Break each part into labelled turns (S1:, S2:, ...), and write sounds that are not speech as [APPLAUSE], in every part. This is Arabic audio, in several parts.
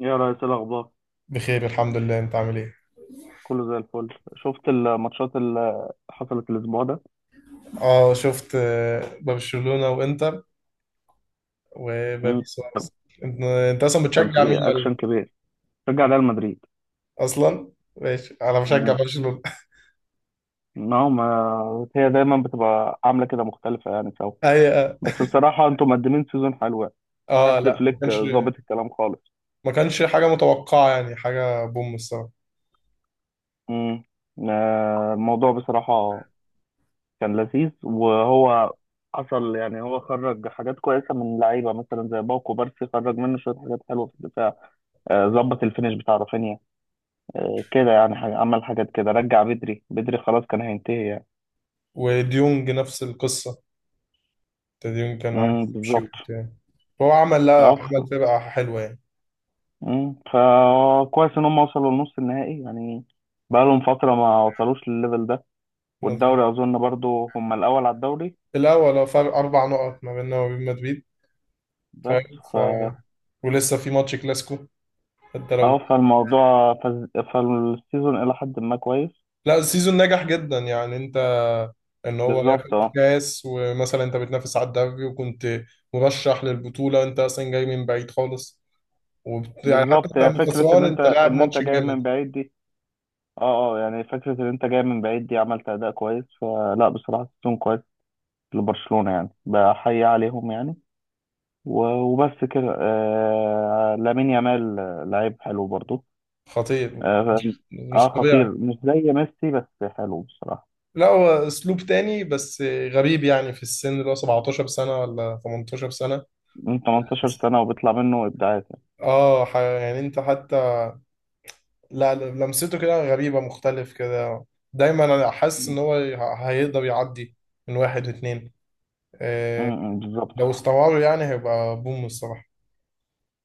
S1: يا ريس، إيه الأخبار؟
S2: بخير الحمد لله. انت عامل ايه؟
S1: كله زي الفل. شفت الماتشات اللي حصلت الأسبوع ده؟
S2: اه شفت، برشلونة وانتر
S1: مم.
S2: وباريس سواريز. انت انت اصلا
S1: كان
S2: بتشجع مين
S1: في
S2: ولا
S1: أكشن كبير، رجع ريال مدريد.
S2: اصلا ماشي؟ انا بشجع
S1: مم.
S2: برشلونة.
S1: ما هي دايما بتبقى عاملة كده مختلفة يعني سوا.
S2: [LAUGHS] اي.
S1: بس بصراحة أنتوا مقدمين سيزون حلو يعني،
S2: اه
S1: حاسس
S2: لا، ما
S1: فليك
S2: كانش
S1: ظابط الكلام خالص.
S2: ما كانش حاجة متوقعة، يعني حاجة بوم الصراحة.
S1: مم. الموضوع بصراحة كان لذيذ، وهو حصل يعني هو خرج حاجات كويسة من لعيبة، مثلا زي باوكو بارسي خرج منه شوية حاجات حلوة في الدفاع. ظبط الفينش بتاع رافينيا. كده يعني حاجة، عمل حاجات كده، رجع بدري بدري خلاص كان هينتهي يعني.
S2: وديونج نفس القصة. ديونج كان عايز يمشي
S1: بالظبط.
S2: وبتاع. هو عمل لا
S1: اه
S2: عمل
S1: ف...
S2: فرقة حلوة يعني.
S1: فكويس ان هم وصلوا لنص النهائي يعني، بقالهم فترة ما وصلوش للليفل ده.
S2: مظبوط.
S1: والدوري اظن برضو هم الاول على الدوري.
S2: الأول، هو فرق أربع نقط ما بيننا وبين مدريد.
S1: بس.
S2: فاهم
S1: ف
S2: ولسه في ماتش كلاسيكو. انت لو
S1: اه فالموضوع فالسيزون الى حد ما كويس.
S2: لا، السيزون نجح جدا يعني. انت ان هو
S1: بالظبط،
S2: ياخد
S1: اه.
S2: كاس، ومثلا انت بتنافس على الدوري وكنت مرشح للبطولة، وانت اصلا جاي من بعيد خالص. يعني حتى
S1: بالظبط،
S2: انت
S1: هي
S2: لما
S1: فكرة ان
S2: خسران
S1: انت
S2: انت لاعب
S1: ان انت
S2: ماتش
S1: جاي من
S2: جامد.
S1: بعيد دي. اه. اه يعني فكرة ان انت جاي من بعيد دي، عملت اداء كويس. فلا بصراحة السيزون كويس لبرشلونة يعني، بحيي عليهم يعني. و- وبس كده. لامين يامال، لعيب حلو برضو.
S2: خطير.
S1: اه.
S2: مش مش
S1: خطير،
S2: طبيعي.
S1: مش زي ميسي، بس حلو بصراحة.
S2: لا، هو اسلوب تاني بس. غريب يعني في السن اللي هو 17 سنة ولا 18 سنة.
S1: من 18 سنة وبيطلع منه إبداعات يعني.
S2: اه، يعني انت حتى. لا، لمسته كده غريبة، مختلف كده. دايما انا حاسس ان
S1: م-
S2: هو هيقدر يعدي من واحد واتنين. لو
S1: بالظبط.
S2: استمروا يعني هيبقى بوم الصراحة.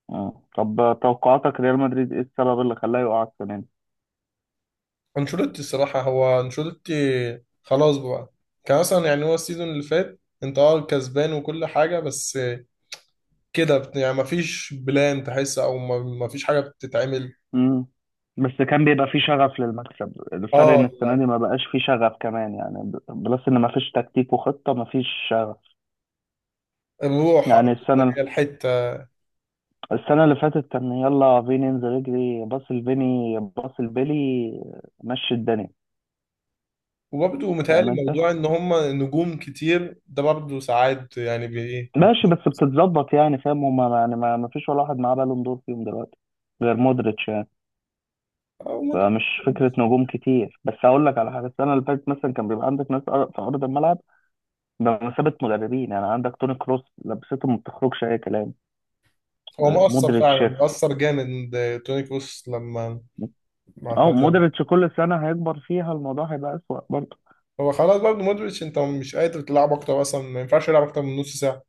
S1: آه. طب توقعاتك ريال مدريد، ايه السبب اللي خلاه يقع السنة دي؟
S2: انشيلوتي الصراحة، هو انشيلوتي، خلاص بقى. كان مثلا يعني هو السيزون اللي فات انت اه كسبان وكل حاجة، بس كده يعني مفيش بلان تحس، او مفيش حاجة بتتعمل.
S1: مم. بس كان بيبقى فيه شغف للمكسب، الفرق ان
S2: اه
S1: السنه
S2: لا،
S1: دي ما بقاش فيه شغف كمان يعني، بلس ان ما فيش تكتيك وخطه، ما فيش شغف.
S2: الروح، أو
S1: يعني
S2: اللي
S1: السنه
S2: هي الحتة.
S1: السنة اللي فاتت كان يلا فيني انزل اجري، باص الفيني باص البيلي، مشي الدنيا.
S2: وبرضه
S1: فاهم
S2: متهيألي
S1: انت؟
S2: موضوع ان هما نجوم كتير ده برضه ساعات يعني ايه
S1: ماشي
S2: بيبقى.
S1: بس بتتظبط يعني، فاهم، هما يعني ما فيش ولا واحد معاه بالون دور فيهم دلوقتي غير مودريتش يعني.
S2: أو ما
S1: فمش فكرة
S2: تبقاش.
S1: نجوم كتير، بس أقول لك على حاجة: السنة اللي فاتت مثلا كان بيبقى عندك ناس في أرض الملعب بمثابة مدربين، يعني عندك توني كروس لبسته ما بتخرجش أي كلام.
S2: هو مؤثر
S1: مودريتش.
S2: فعلا، مؤثر جامد. توني كروس لما
S1: أو
S2: اعتزل.
S1: مودريتش كل سنة هيكبر فيها الموضوع هيبقى أسوأ برضه.
S2: هو خلاص برضه مودريتش انت مش قادر تلعب اكتر، اصلا ما ينفعش يلعب اكتر من نص ساعه.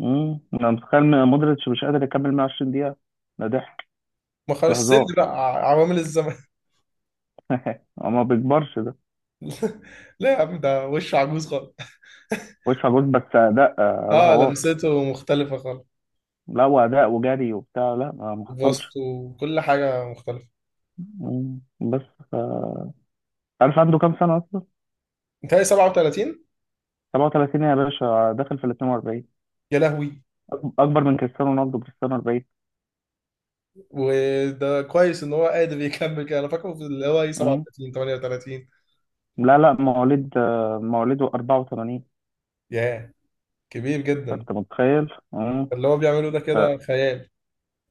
S1: انا متخيل مودريتش مش قادر يكمل 120 دقيقة. ده ضحك،
S2: ما
S1: ده
S2: خلاص، السن
S1: هزار.
S2: بقى، عوامل الزمن.
S1: [LAUGHS] هو ما بيكبرش ده.
S2: [LAUGHS] لا يا عم، ده وش عجوز خالص. [LAUGHS]
S1: وش جول بس اداء
S2: اه،
S1: رهوات.
S2: لمسته مختلفه خالص.
S1: لا، واداء وجري وبتاع، لا ما حصلش.
S2: بسطه وكل حاجه مختلفه.
S1: مم. بس. ف... عارف عنده كام سنة اصلا؟
S2: انت 37.
S1: 37 يا باشا، داخل في ال 42.
S2: يا لهوي.
S1: اكبر من كريستيانو رونالدو. كريستيانو 40.
S2: وده كويس ان هو قادر يكمل كده. انا فاكره في اللي هو ايه
S1: مم.
S2: 37 38.
S1: لا لا، مواليد، مواليد 84.
S2: ياه، كبير جدا.
S1: فانت متخيل. مم.
S2: اللي هو بيعمله ده
S1: ف-
S2: كده خيال.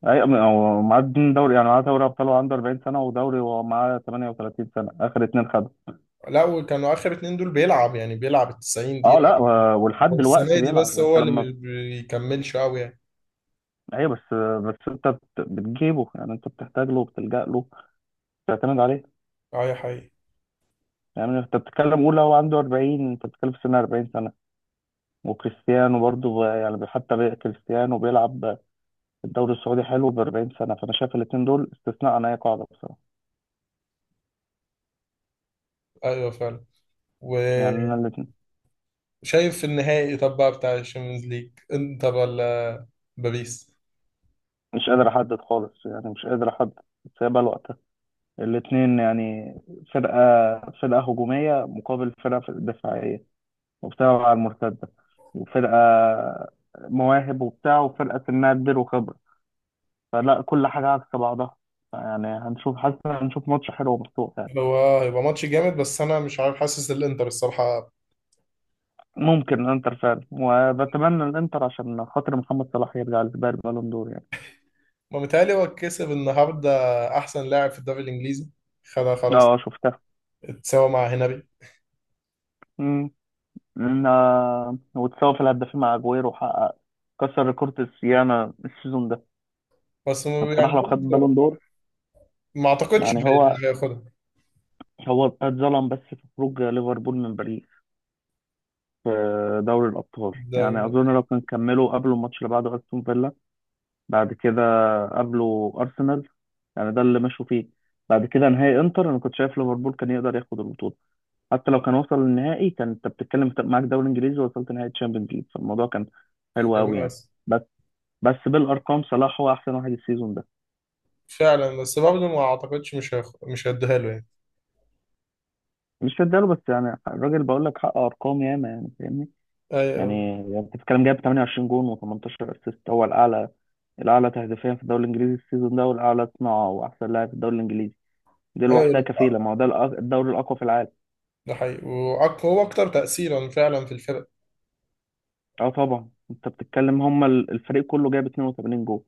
S1: هو معاه اتنين دوري يعني، معاه دوري ابطال وهو عنده 40 سنه، ودوري وهو معاه 38 سنه، اخر اتنين خدوا.
S2: لا، وكانوا اخر اتنين دول بيلعب يعني، بيلعب ال 90
S1: اه
S2: دقيقه.
S1: لا، ولحد
S2: هو السنه
S1: دلوقتي
S2: دي بس
S1: بيلعب. انت
S2: هو اللي
S1: لما،
S2: مش بيكملش قوي يعني.
S1: ايوه بس، بس انت بتجيبه يعني، انت بتحتاج له وبتلجأ له، بتعتمد عليه.
S2: اه يا حقيقي.
S1: يعني انت بتتكلم، قول لو عنده 40، انت بتتكلم في سن 40 سنه. وكريستيانو برضه يعني، كريستيانو بيلعب في الدوري السعودي حلو ب 40 سنه. فانا شايف الاثنين دول استثناء عن اي قاعده بصراحه.
S2: ايوه فعلا.
S1: يعني انا
S2: وشايف
S1: الاتنين
S2: النهائي طب بقى بتاع الشامبيونز ليج، انتر ولا باريس؟
S1: مش قادر احدد خالص، يعني مش قادر احدد. بس هي بقى الوقت، الاتنين يعني. فرقة، فرقة هجومية مقابل فرقة دفاعية، وبتلعب على المرتدة. وفرقة مواهب وبتاع، وفرقة سنها كبير وخبرة. فلا كل حاجة عكس بعضها يعني. هنشوف، حاسس إن هنشوف ماتش حلو ومفتوح يعني.
S2: هو هيبقى ماتش جامد، بس انا مش عارف، حاسس الانتر الصراحه.
S1: ممكن الانتر فعلا. وبتمنى الانتر عشان خاطر محمد صلاح يرجع لسباق البالون دور يعني.
S2: ما متهيألي هو كسب النهارده احسن لاعب في الدوري الانجليزي، خدها خلاص،
S1: اه شفتها.
S2: اتساوى مع هنري.
S1: امم. وتساوي في الهدافين مع اجويرو، وحقق كسر ريكورد السيانة السيزون ده.
S2: بس م- يعني
S1: بصراحة لو خد
S2: برضه
S1: بالون دور.
S2: ما اعتقدش
S1: يعني هو،
S2: هياخدها.
S1: هو اتظلم بس في خروج ليفربول من باريس في دوري الأبطال
S2: ده
S1: يعني. أظن لو كان كملوا، قبلوا الماتش اللي بعده أستون فيلا، بعد كده قابلوا أرسنال، يعني ده اللي مشوا فيه. بعد كده نهائي انتر، انا كنت شايف ليفربول كان يقدر ياخد البطوله. حتى لو كان وصل للنهائي، كان انت بتتكلم، أنت معاك دوري انجليزي ووصلت نهائي تشامبيونز ليج، فالموضوع كان حلو قوي
S2: هيبقى
S1: يعني.
S2: أس-
S1: بس بس بالارقام صلاح هو احسن واحد السيزون ده.
S2: فعلا. بس برضه ما اعتقدش، مش هيديها له يعني.
S1: مش هداله، بس يعني الراجل بقول لك حقق ارقام ياما، يعني فاهمني؟
S2: ايوه.
S1: يعني انت بتتكلم، جايب 28 جون و18 اسيست، هو الاعلى، الاعلى تهديفيا في الدوري الانجليزي السيزون ده، والاعلى صناعه، واحسن لاعب في الدوري الانجليزي. دي لوحدها
S2: ايوه،
S1: كفيله. ما هو ده الدوري الاقوى في العالم.
S2: ده حقيقي، وهو اكتر تأثيرا فعلا في الفرق.
S1: اه طبعا. انت بتتكلم هم الفريق كله جايب 82 جون،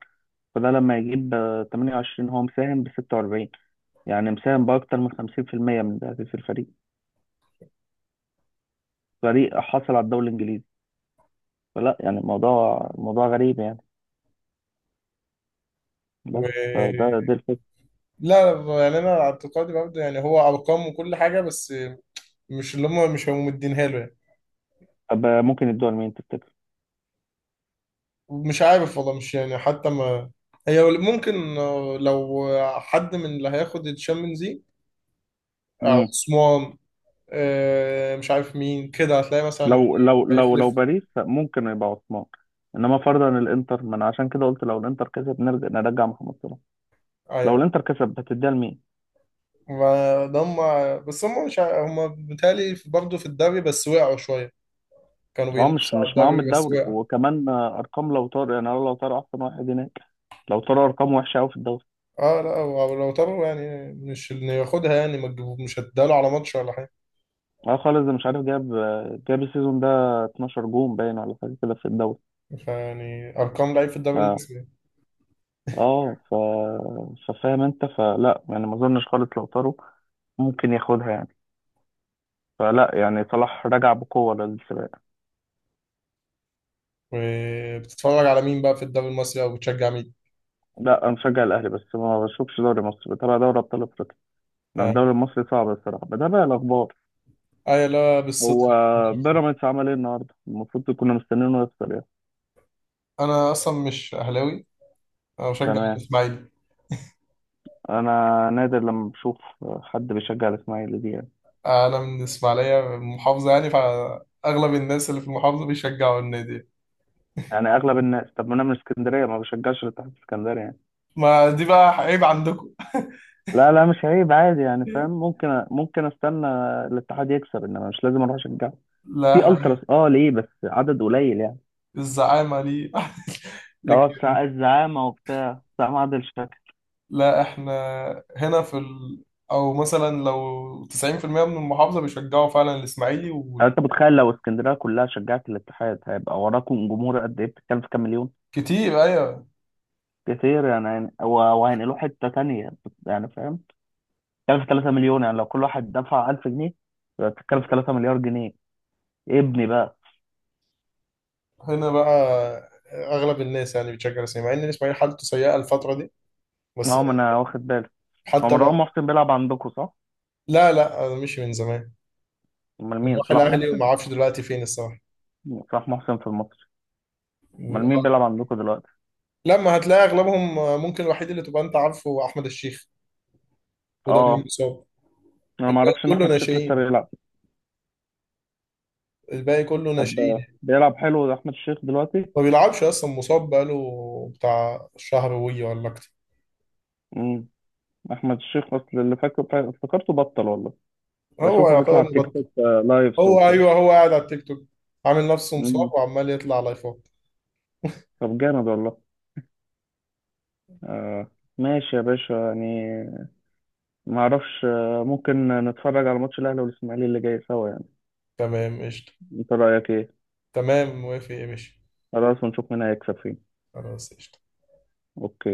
S1: فده لما يجيب 28 هو مساهم ب 46، يعني مساهم باكتر من 50% من تهديف الفريق. فريق حصل على الدوري الانجليزي. فلا يعني الموضوع موضوع غريب يعني. بس
S2: و
S1: فده دي الفكره.
S2: لا، يعني انا على اعتقادي برضه، يعني هو ارقام وكل حاجه، بس مش هم مدينها له يعني.
S1: طب ممكن يدوها لمين تفتكر؟
S2: مش عارف والله، مش يعني حتى ما. هي ممكن، لو حد من اللي هياخد الشامبيونز ليج، عثمان، مش عارف مين كده هتلاقي مثلا.
S1: لو
S2: هيخلف.
S1: باريس ممكن يبقى عثمان. انما فرضا الانتر، من عشان كده قلت لو الانتر كسب نرجع، محمد صلاح. لو
S2: ايوه،
S1: الانتر كسب هتديها لمين؟
S2: ما ده هم. بس هم مش ع- هم بالتالي برضه في الدوري، بس وقعوا شويه. كانوا
S1: هو مش
S2: بينافسوا على
S1: مش معاهم
S2: الدوري بس
S1: الدوري،
S2: وقعوا.
S1: وكمان ارقام لو طار يعني، لو طار احسن واحد هناك، لو طار ارقام وحشه قوي في الدوري.
S2: اه لا، هو لو ترى يعني، مش انه ياخدها يعني ما تجيبه- مش هتداله على ماتش ولا حاجه.
S1: اه خالص، ده مش عارف، جاب، جاب السيزون ده 12 جون باين ولا حاجه كده في الدوري.
S2: فيعني ارقام لعيب في
S1: ف
S2: الدوري المصري.
S1: اه ف ففاهم انت، فلا يعني ما اظنش خالص لو طاروا ممكن ياخدها يعني. فلا يعني صلاح رجع بقوه للسباق.
S2: وبتتفرج على مين بقى في الدوري المصري، او بتشجع مين؟
S1: لا، انا مشجع الاهلي، بس ما بشوفش دوري مصر، بتابع دوري ابطال افريقيا. انا
S2: اه.
S1: الدوري المصري صعب الصراحه، بتابع الاخبار.
S2: ايوه لا، بالصدفه.
S1: هو بيراميدز عمل ايه النهارده؟ المفروض كنا مستنينه يخسر يعني.
S2: انا اصلا مش اهلاوي، انا بشجع
S1: تمام.
S2: الاسماعيلي.
S1: انا نادر لما بشوف حد بيشجع الاسماعيلي دي يعني.
S2: انا من الاسماعيليه، من المحافظه يعني، فاغلب الناس اللي في المحافظه بيشجعوا النادي.
S1: يعني اغلب الناس، طب ما انا من اسكندريه ما بشجعش الاتحاد الاسكندري يعني.
S2: ما دي بقى عيب عندكم. [LAUGHS]
S1: لا لا، مش عيب، عادي يعني، فاهم، ممكن استنى الاتحاد يكسب، انما مش لازم اروح اشجعه في
S2: لا،
S1: التراس. اه، ليه بس عدد قليل يعني؟
S2: الزعامه ليه. [LAUGHS]
S1: اه،
S2: لكن
S1: بتاع الزعامه وبتاع معادل شكل.
S2: لا، احنا هنا او مثلا لو 90% من المحافظة بيشجعوا فعلا الاسماعيلي.
S1: انت متخيل لو اسكندريه كلها شجعت الاتحاد، هيبقى وراكم جمهور قد ايه؟ بتتكلم في كام مليون.
S2: وكتير ايوه.
S1: كتير يعني. وهينقلوه حته تانية يعني، فاهم. بتتكلم في 3 مليون، يعني لو كل واحد دفع 1000 جنيه، يبقى بتتكلم في 3 مليار جنيه. إيه ابني بقى؟
S2: هنا بقى اغلب الناس يعني بتشجع الاسماعيلي، مع ان الاسماعيلي حالته سيئة الفترة دي بس
S1: نعم، انا
S2: يعني.
S1: واخد بالي. هو
S2: حتى
S1: مروان
S2: بقى،
S1: محسن بيلعب عندكم، صح؟
S2: لا انا مشي من زمان.
S1: امال مين،
S2: راح
S1: صلاح
S2: الاهلي
S1: محسن؟
S2: وما اعرفش دلوقتي فين الصراحة.
S1: صلاح محسن في المصري. امال مين بيلعب عندكم دلوقتي؟
S2: لما هتلاقي اغلبهم، ممكن الوحيد اللي تبقى انت عارفه هو احمد الشيخ، وده اللي
S1: اه،
S2: مصاب.
S1: انا ما
S2: الباقي
S1: اعرفش ان
S2: كله
S1: احمد الشيخ لسه
S2: ناشئين
S1: بيلعب.
S2: الباقي كله
S1: طب
S2: ناشئين
S1: بيلعب حلو احمد الشيخ دلوقتي؟
S2: ما بيلعبش اصلا، مصاب بقاله بتاع شهر وي ولا اكتر.
S1: امم احمد الشيخ اصل اللي فاكره افتكرته بطل والله.
S2: هو
S1: بشوفه
S2: يعتبر
S1: بيطلع تيك
S2: مبطل.
S1: توك، لايفز
S2: هو
S1: وكده.
S2: ايوه، هو قاعد على التيك توك، عامل نفسه
S1: مم.
S2: مصاب وعمال يطلع لايفات. [LAUGHS]
S1: طب جامد والله. آه. ماشي يا باشا يعني. ما اعرفش، ممكن نتفرج على ماتش الاهلي والاسماعيلي اللي جاي سوا يعني؟
S2: تمام قشطة.
S1: انت رايك ايه؟
S2: تمام موافق، يا ماشي.
S1: خلاص، ونشوف مين هيكسب فين.
S2: خلاص قشطة.
S1: اوكي.